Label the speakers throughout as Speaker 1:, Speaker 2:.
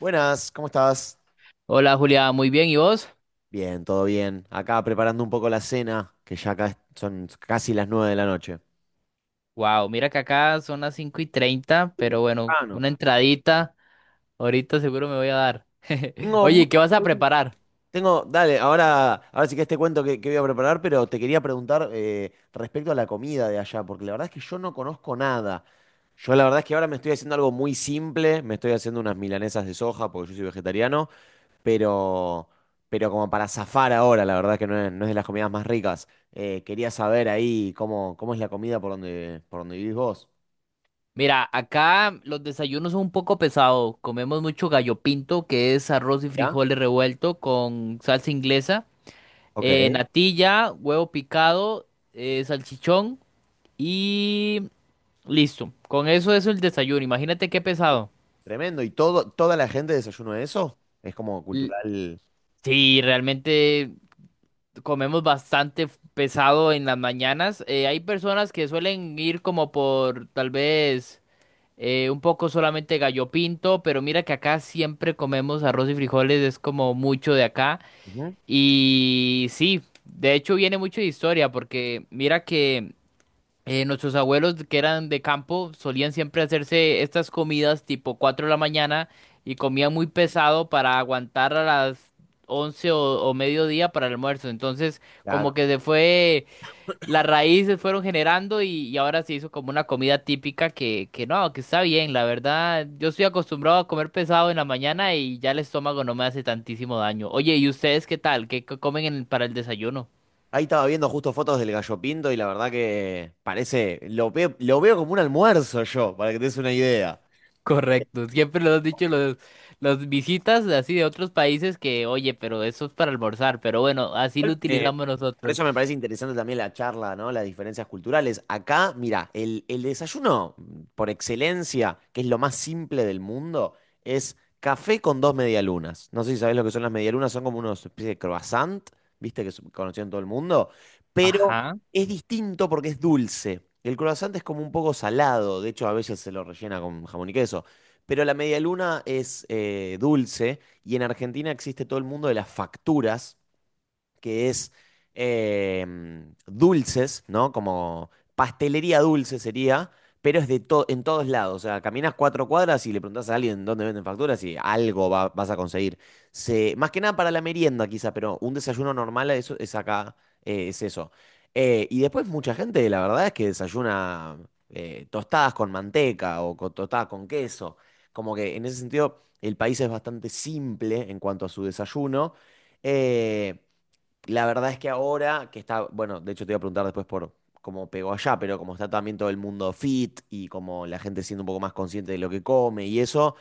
Speaker 1: Buenas, ¿cómo estás?
Speaker 2: Hola Julia, muy bien, ¿y vos?
Speaker 1: Bien, todo bien. Acá preparando un poco la cena, que ya acá son casi las nueve de la noche.
Speaker 2: Wow, mira que acá son las 5:30,
Speaker 1: Uh,
Speaker 2: pero bueno,
Speaker 1: Ah, no.
Speaker 2: una entradita, ahorita seguro me voy a dar.
Speaker 1: Tengo
Speaker 2: Oye, ¿qué
Speaker 1: muchas
Speaker 2: vas a
Speaker 1: preguntas.
Speaker 2: preparar?
Speaker 1: Tengo, dale, ahora sí que te cuento qué voy a preparar, pero te quería preguntar respecto a la comida de allá, porque la verdad es que yo no conozco nada. Yo la verdad es que ahora me estoy haciendo algo muy simple, me estoy haciendo unas milanesas de soja, porque yo soy vegetariano, pero, pero como para zafar ahora, la verdad que no es de las comidas más ricas. Quería saber ahí cómo es la comida por donde vivís vos.
Speaker 2: Mira, acá los desayunos son un poco pesados, comemos mucho gallo pinto, que es arroz y
Speaker 1: ¿Ya?
Speaker 2: frijoles revuelto con salsa inglesa,
Speaker 1: Ok.
Speaker 2: natilla, huevo picado, salchichón y listo. Con eso es el desayuno, imagínate qué pesado.
Speaker 1: Tremendo. ¿Y toda la gente desayuno de eso? Es como
Speaker 2: L-
Speaker 1: cultural.
Speaker 2: Sí, realmente comemos bastante pesado en las mañanas. Hay personas que suelen ir como por tal vez un poco solamente gallo pinto, pero mira que acá siempre comemos arroz y frijoles, es como mucho de acá.
Speaker 1: Ujú.
Speaker 2: Y sí, de hecho viene mucho de historia, porque mira que... nuestros abuelos que eran de campo solían siempre hacerse estas comidas tipo 4 de la mañana y comían muy pesado para aguantar a las 11 o mediodía para el almuerzo. Entonces, como
Speaker 1: Claro.
Speaker 2: que se fue, las raíces fueron generando y ahora se hizo como una comida típica que no, que está bien, la verdad. Yo estoy acostumbrado a comer pesado en la mañana y ya el estómago no me hace tantísimo daño. Oye, ¿y ustedes qué tal? ¿Qué comen para el desayuno?
Speaker 1: Ahí estaba viendo justo fotos del gallo pinto y la verdad que parece, lo veo como un almuerzo yo, para que te des una idea.
Speaker 2: Correcto, siempre lo has dicho, los visitas así de otros países que, oye, pero eso es para almorzar, pero bueno, así lo
Speaker 1: Igual,
Speaker 2: utilizamos
Speaker 1: por
Speaker 2: nosotros.
Speaker 1: eso me parece interesante también la charla, ¿no? Las diferencias culturales. Acá, mira, el desayuno por excelencia, que es lo más simple del mundo, es café con dos medialunas. No sé si sabés lo que son las medialunas, son como una especie de croissant, viste, que conocían todo el mundo, pero
Speaker 2: Ajá.
Speaker 1: es distinto porque es dulce. El croissant es como un poco salado, de hecho a veces se lo rellena con jamón y queso. Pero la medialuna es dulce y en Argentina existe todo el mundo de las facturas que es eh, dulces, ¿no? Como pastelería dulce sería, pero es en todos lados. O sea, caminas cuatro cuadras y le preguntas a alguien dónde venden facturas y algo vas a conseguir. Se, más que nada para la merienda, quizá, pero un desayuno normal es acá, es eso. Y después mucha gente, la verdad es que desayuna tostadas con manteca tostadas con queso. Como que en ese sentido el país es bastante simple en cuanto a su desayuno. Eh, la verdad es que ahora que está, bueno, de hecho te iba a preguntar después por cómo pegó allá, pero como está también todo el mundo fit y como la gente siendo un poco más consciente de lo que come y eso,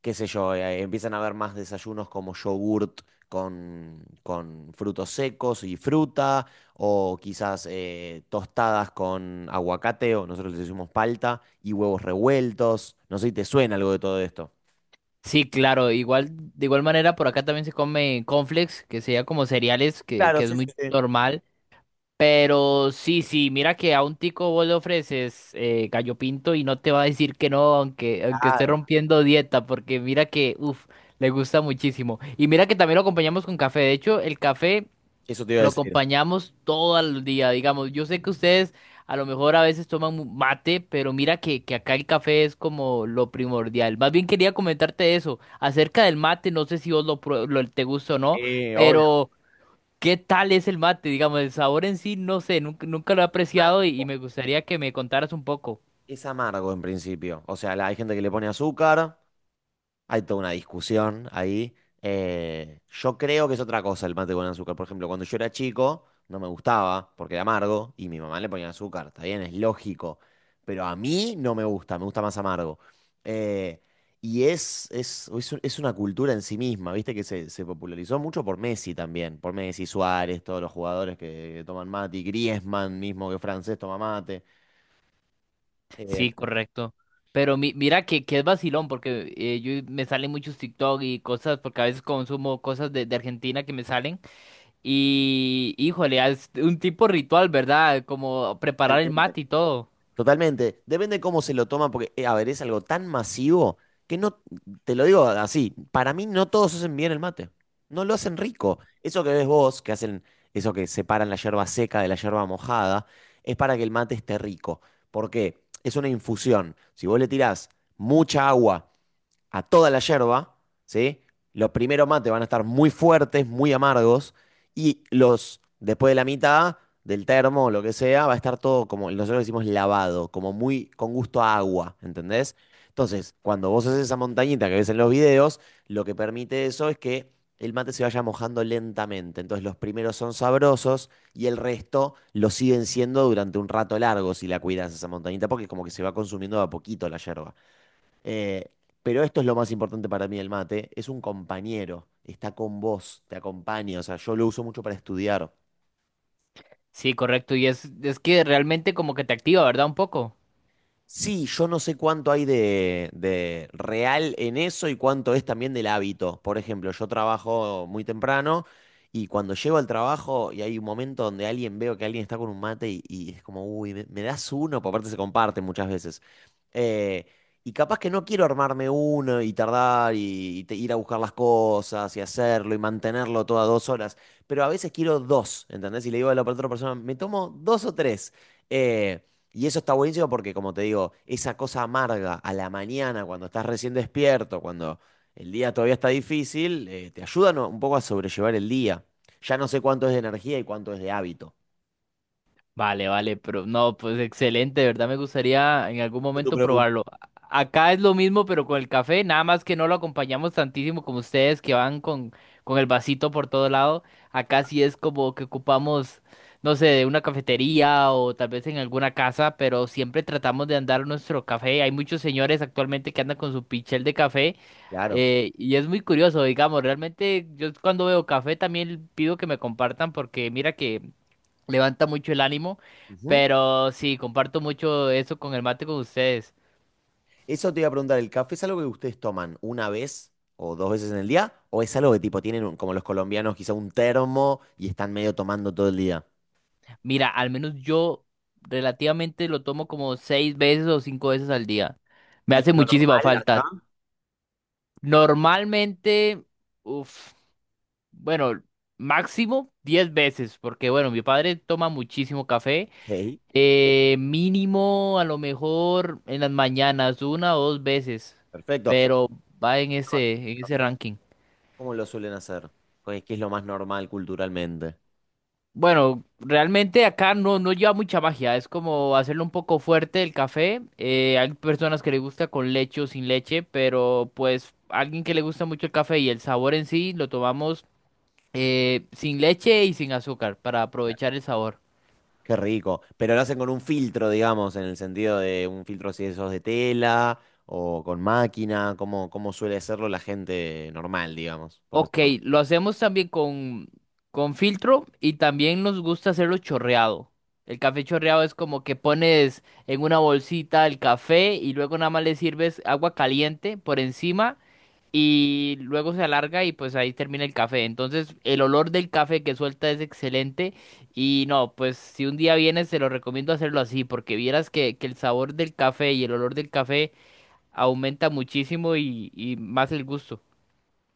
Speaker 1: qué sé yo, empiezan a haber más desayunos como yogurt con frutos secos y fruta, o quizás tostadas con aguacate, o nosotros le decimos palta, y huevos revueltos. No sé si te suena algo de todo esto.
Speaker 2: Sí, claro, igual, de igual manera por acá también se come cornflakes, que sería como cereales, que,
Speaker 1: Claro,
Speaker 2: que es
Speaker 1: sí, sí,
Speaker 2: muy
Speaker 1: sí.
Speaker 2: normal, pero sí, sí, mira que a un tico vos le ofreces gallo pinto y no te va a decir que no, aunque esté
Speaker 1: Claro.
Speaker 2: rompiendo dieta, porque mira que, uff, le gusta muchísimo. Y mira que también lo acompañamos con café, de hecho, el café...
Speaker 1: Eso te iba a
Speaker 2: Lo
Speaker 1: decir.
Speaker 2: acompañamos todo el día, digamos. Yo sé que ustedes a lo mejor a veces toman mate, pero mira que acá el café es como lo primordial. Más bien quería comentarte eso, acerca del mate, no sé si vos te gusta o no,
Speaker 1: Sí, obvio.
Speaker 2: pero ¿qué tal es el mate? Digamos, el sabor en sí, no sé, nunca, nunca lo he apreciado y me gustaría que me contaras un poco.
Speaker 1: Es amargo en principio. O sea, hay gente que le pone azúcar, hay toda una discusión ahí. Yo creo que es otra cosa el mate con azúcar. Por ejemplo, cuando yo era chico, no me gustaba porque era amargo y mi mamá le ponía azúcar. Está bien, es lógico. Pero a mí no me gusta, me gusta más amargo. Eh, y es una cultura en sí misma, ¿viste? Que se popularizó mucho por Messi también. Por Messi, Suárez, todos los jugadores que toman mate. Y Griezmann mismo, que es francés, toma mate. Eh,
Speaker 2: Sí, correcto. Pero mira que es vacilón, porque me salen muchos TikTok y cosas, porque a veces consumo cosas de Argentina que me salen. Y, híjole, es un tipo ritual, ¿verdad? Como preparar el mate y todo.
Speaker 1: Totalmente. Depende cómo se lo toman, porque, a ver, es algo tan masivo que no, te lo digo así, para mí no todos hacen bien el mate. No lo hacen rico. Eso que ves vos, que hacen, eso que separan la yerba seca de la yerba mojada, es para que el mate esté rico. ¿Por qué? Es una infusión. Si vos le tirás mucha agua a toda la yerba, ¿sí? Los primeros mates van a estar muy fuertes, muy amargos, y los, después de la mitad del termo o lo que sea, va a estar todo como, nosotros decimos lavado, como muy con gusto a agua, ¿entendés? Entonces, cuando vos haces esa montañita que ves en los videos, lo que permite eso es que el mate se vaya mojando lentamente. Entonces, los primeros son sabrosos y el resto lo siguen siendo durante un rato largo si la cuidas esa montañita, porque como que se va consumiendo de a poquito la yerba. Eh, pero esto es lo más importante para mí, el mate. Es un compañero, está con vos, te acompaña. O sea, yo lo uso mucho para estudiar.
Speaker 2: Sí, correcto. Y es que realmente como que te activa, ¿verdad? Un poco.
Speaker 1: Sí, yo no sé cuánto hay de real en eso y cuánto es también del hábito. Por ejemplo, yo trabajo muy temprano y cuando llego al trabajo y hay un momento donde alguien veo que alguien está con un mate y es como, uy, me das uno, porque aparte se comparte muchas veces. Eh, y capaz que no quiero armarme uno y tardar ir a buscar las cosas y hacerlo y mantenerlo todas dos horas, pero a veces quiero dos, ¿entendés? Y le digo a la otra persona, me tomo dos o tres. Eh, y eso está buenísimo porque, como te digo, esa cosa amarga a la mañana, cuando estás recién despierto, cuando el día todavía está difícil, te ayudan un poco a sobrellevar el día. Ya no sé cuánto es de energía y cuánto es de hábito.
Speaker 2: Vale, vale, pero no, pues excelente, de verdad me gustaría en algún
Speaker 1: Yo te
Speaker 2: momento probarlo. Acá es lo mismo, pero con el café, nada más que no lo acompañamos tantísimo como ustedes que van con el vasito por todo lado. Acá sí es como que ocupamos, no sé, de una cafetería o tal vez en alguna casa, pero siempre tratamos de andar nuestro café. Hay muchos señores actualmente que andan con su pichel de café.
Speaker 1: claro.
Speaker 2: Y es muy curioso, digamos, realmente yo cuando veo café también pido que me compartan porque mira que levanta mucho el ánimo,
Speaker 1: Ujú.
Speaker 2: pero sí, comparto mucho eso con el mate con ustedes.
Speaker 1: Eso te iba a preguntar, ¿el café es algo que ustedes toman una vez o dos veces en el día? ¿O es algo que tipo tienen, como los colombianos, quizá un termo y están medio tomando todo el día?
Speaker 2: Mira, al menos yo relativamente lo tomo como 6 veces o 5 veces al día. Me
Speaker 1: ¿Y
Speaker 2: hace
Speaker 1: lo
Speaker 2: muchísima
Speaker 1: normal
Speaker 2: falta.
Speaker 1: acá?
Speaker 2: Normalmente, uff, bueno, máximo 10 veces, porque bueno, mi padre toma muchísimo café.
Speaker 1: Sí.
Speaker 2: Mínimo, a lo mejor en las mañanas, una o dos veces,
Speaker 1: Perfecto.
Speaker 2: pero va en ese ranking.
Speaker 1: ¿Cómo lo suelen hacer? Pues, ¿qué es lo más normal culturalmente?
Speaker 2: Bueno, realmente acá no, no lleva mucha magia, es como hacerlo un poco fuerte el café. Hay personas que le gusta con leche o sin leche, pero pues alguien que le gusta mucho el café y el sabor en sí, lo tomamos sin leche y sin azúcar para aprovechar el sabor.
Speaker 1: Qué rico. Pero lo hacen con un filtro, digamos, en el sentido de un filtro si eso es de tela o con máquina, como, como suele hacerlo la gente normal, digamos, por
Speaker 2: Ok,
Speaker 1: decirlo.
Speaker 2: lo hacemos también con filtro y también nos gusta hacerlo chorreado. El café chorreado es como que pones en una bolsita el café y luego nada más le sirves agua caliente por encima y luego se alarga y pues ahí termina el café. Entonces el olor del café que suelta es excelente y no, pues si un día vienes te lo recomiendo hacerlo así porque vieras que el sabor del café y el olor del café aumenta muchísimo y más el gusto.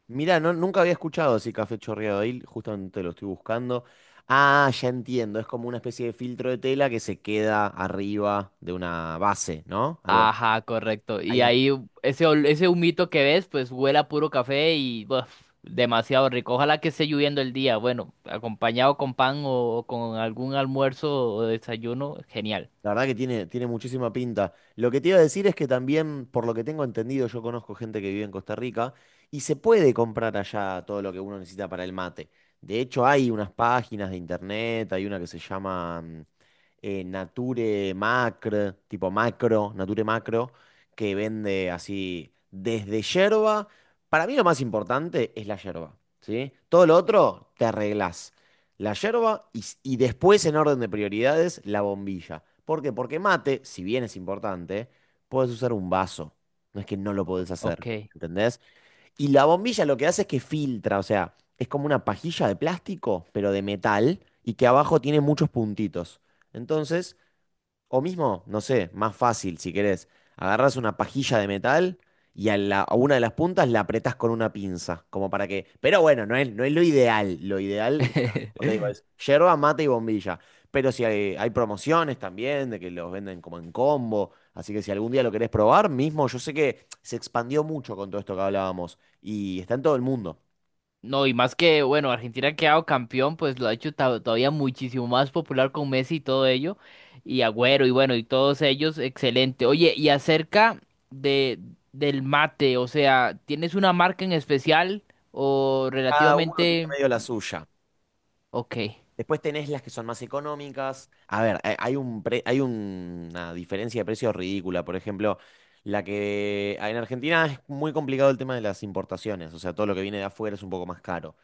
Speaker 1: Mirá, no, nunca había escuchado así café chorreado ahí, justamente lo estoy buscando. Ah, ya entiendo, es como una especie de filtro de tela que se queda arriba de una base, ¿no? Algo
Speaker 2: Ajá, correcto. Y
Speaker 1: así.
Speaker 2: ahí ese humito que ves pues huele a puro café y buf, demasiado rico. Ojalá que esté lloviendo el día. Bueno, acompañado con pan o con algún almuerzo o desayuno, genial.
Speaker 1: La verdad que tiene, tiene muchísima pinta. Lo que te iba a decir es que también, por lo que tengo entendido, yo conozco gente que vive en Costa Rica y se puede comprar allá todo lo que uno necesita para el mate. De hecho, hay unas páginas de internet, hay una que se llama Nature Macro, tipo macro, Nature Macro, que vende así desde yerba. Para mí lo más importante es la yerba, ¿sí? Todo lo otro te arreglás. La yerba y y después en orden de prioridades la bombilla. ¿Por qué? Porque mate, si bien es importante, puedes usar un vaso. No es que no lo podés hacer,
Speaker 2: Ok.
Speaker 1: ¿entendés? Y la bombilla lo que hace es que filtra, o sea, es como una pajilla de plástico, pero de metal, y que abajo tiene muchos puntitos. Entonces, o mismo, no sé, más fácil si querés. Agarrás una pajilla de metal y a una de las puntas la apretás con una pinza, como para que... Pero bueno, no es lo ideal. Lo ideal, ya, como te digo, es yerba, mate y bombilla. Pero si hay promociones también, de que los venden como en combo. Así que si algún día lo querés probar, mismo, yo sé que se expandió mucho con todo esto que hablábamos. Y está en todo el mundo.
Speaker 2: No, y más que, bueno, Argentina ha quedado campeón, pues lo ha hecho todavía muchísimo más popular con Messi y todo ello, y Agüero, y bueno, y todos ellos, excelente. Oye, y acerca de, del mate, o sea, ¿tienes una marca en especial o
Speaker 1: Cada uno tiene
Speaker 2: relativamente...
Speaker 1: medio la suya.
Speaker 2: Ok.
Speaker 1: Después tenés las que son más económicas. A ver, hay una diferencia de precios ridícula. Por ejemplo, la que en Argentina es muy complicado el tema de las importaciones. O sea, todo lo que viene de afuera es un poco más caro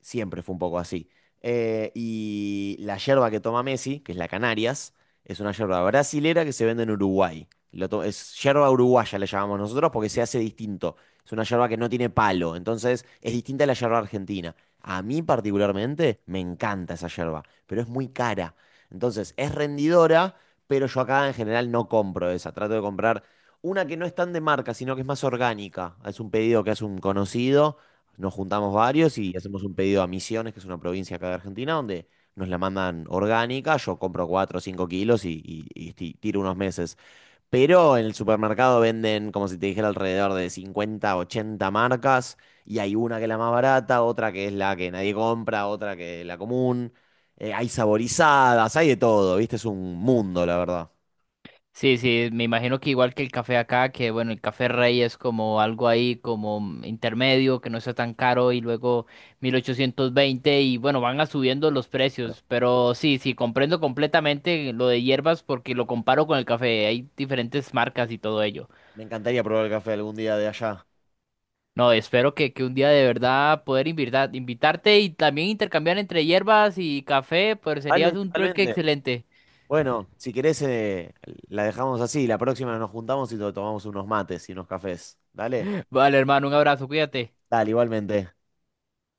Speaker 1: siempre fue un poco así. Y la yerba que toma Messi, que es la Canarias, es una yerba brasilera que se vende en Uruguay. Es yerba uruguaya, le llamamos nosotros, porque se hace distinto. Es una yerba que no tiene palo, entonces es distinta a la yerba argentina. A mí particularmente me encanta esa yerba, pero es muy cara. Entonces es rendidora, pero yo acá en general no compro esa. Trato de comprar una que no es tan de marca, sino que es más orgánica. Es un pedido que hace un conocido nos juntamos varios y hacemos un pedido a Misiones, que es una provincia acá de Argentina, donde nos la mandan orgánica. Yo compro 4 o 5 kilos y tiro unos meses. Pero en el supermercado venden, como si te dijera, alrededor de 50, 80 marcas. Y hay una que es la más barata, otra que es la que nadie compra, otra que es la común. Hay saborizadas, hay de todo, ¿viste? Es un mundo, la verdad.
Speaker 2: Sí, sí, me imagino que igual que el café acá, que bueno, el café rey es como algo ahí como intermedio, que no está tan caro y luego 1820 y bueno, van a subiendo los precios, pero sí, sí, comprendo completamente lo de hierbas porque lo comparo con el café, hay diferentes marcas y todo ello.
Speaker 1: Me encantaría probar el café algún día de allá.
Speaker 2: No, espero que un día de verdad poder invitarte y también intercambiar entre hierbas y café, pues sería
Speaker 1: Vale,
Speaker 2: un trueque
Speaker 1: totalmente.
Speaker 2: excelente.
Speaker 1: Bueno, si querés, la dejamos así. La próxima nos juntamos y tomamos unos mates y unos cafés. Dale,
Speaker 2: Vale, hermano, un abrazo, cuídate.
Speaker 1: dale, igualmente.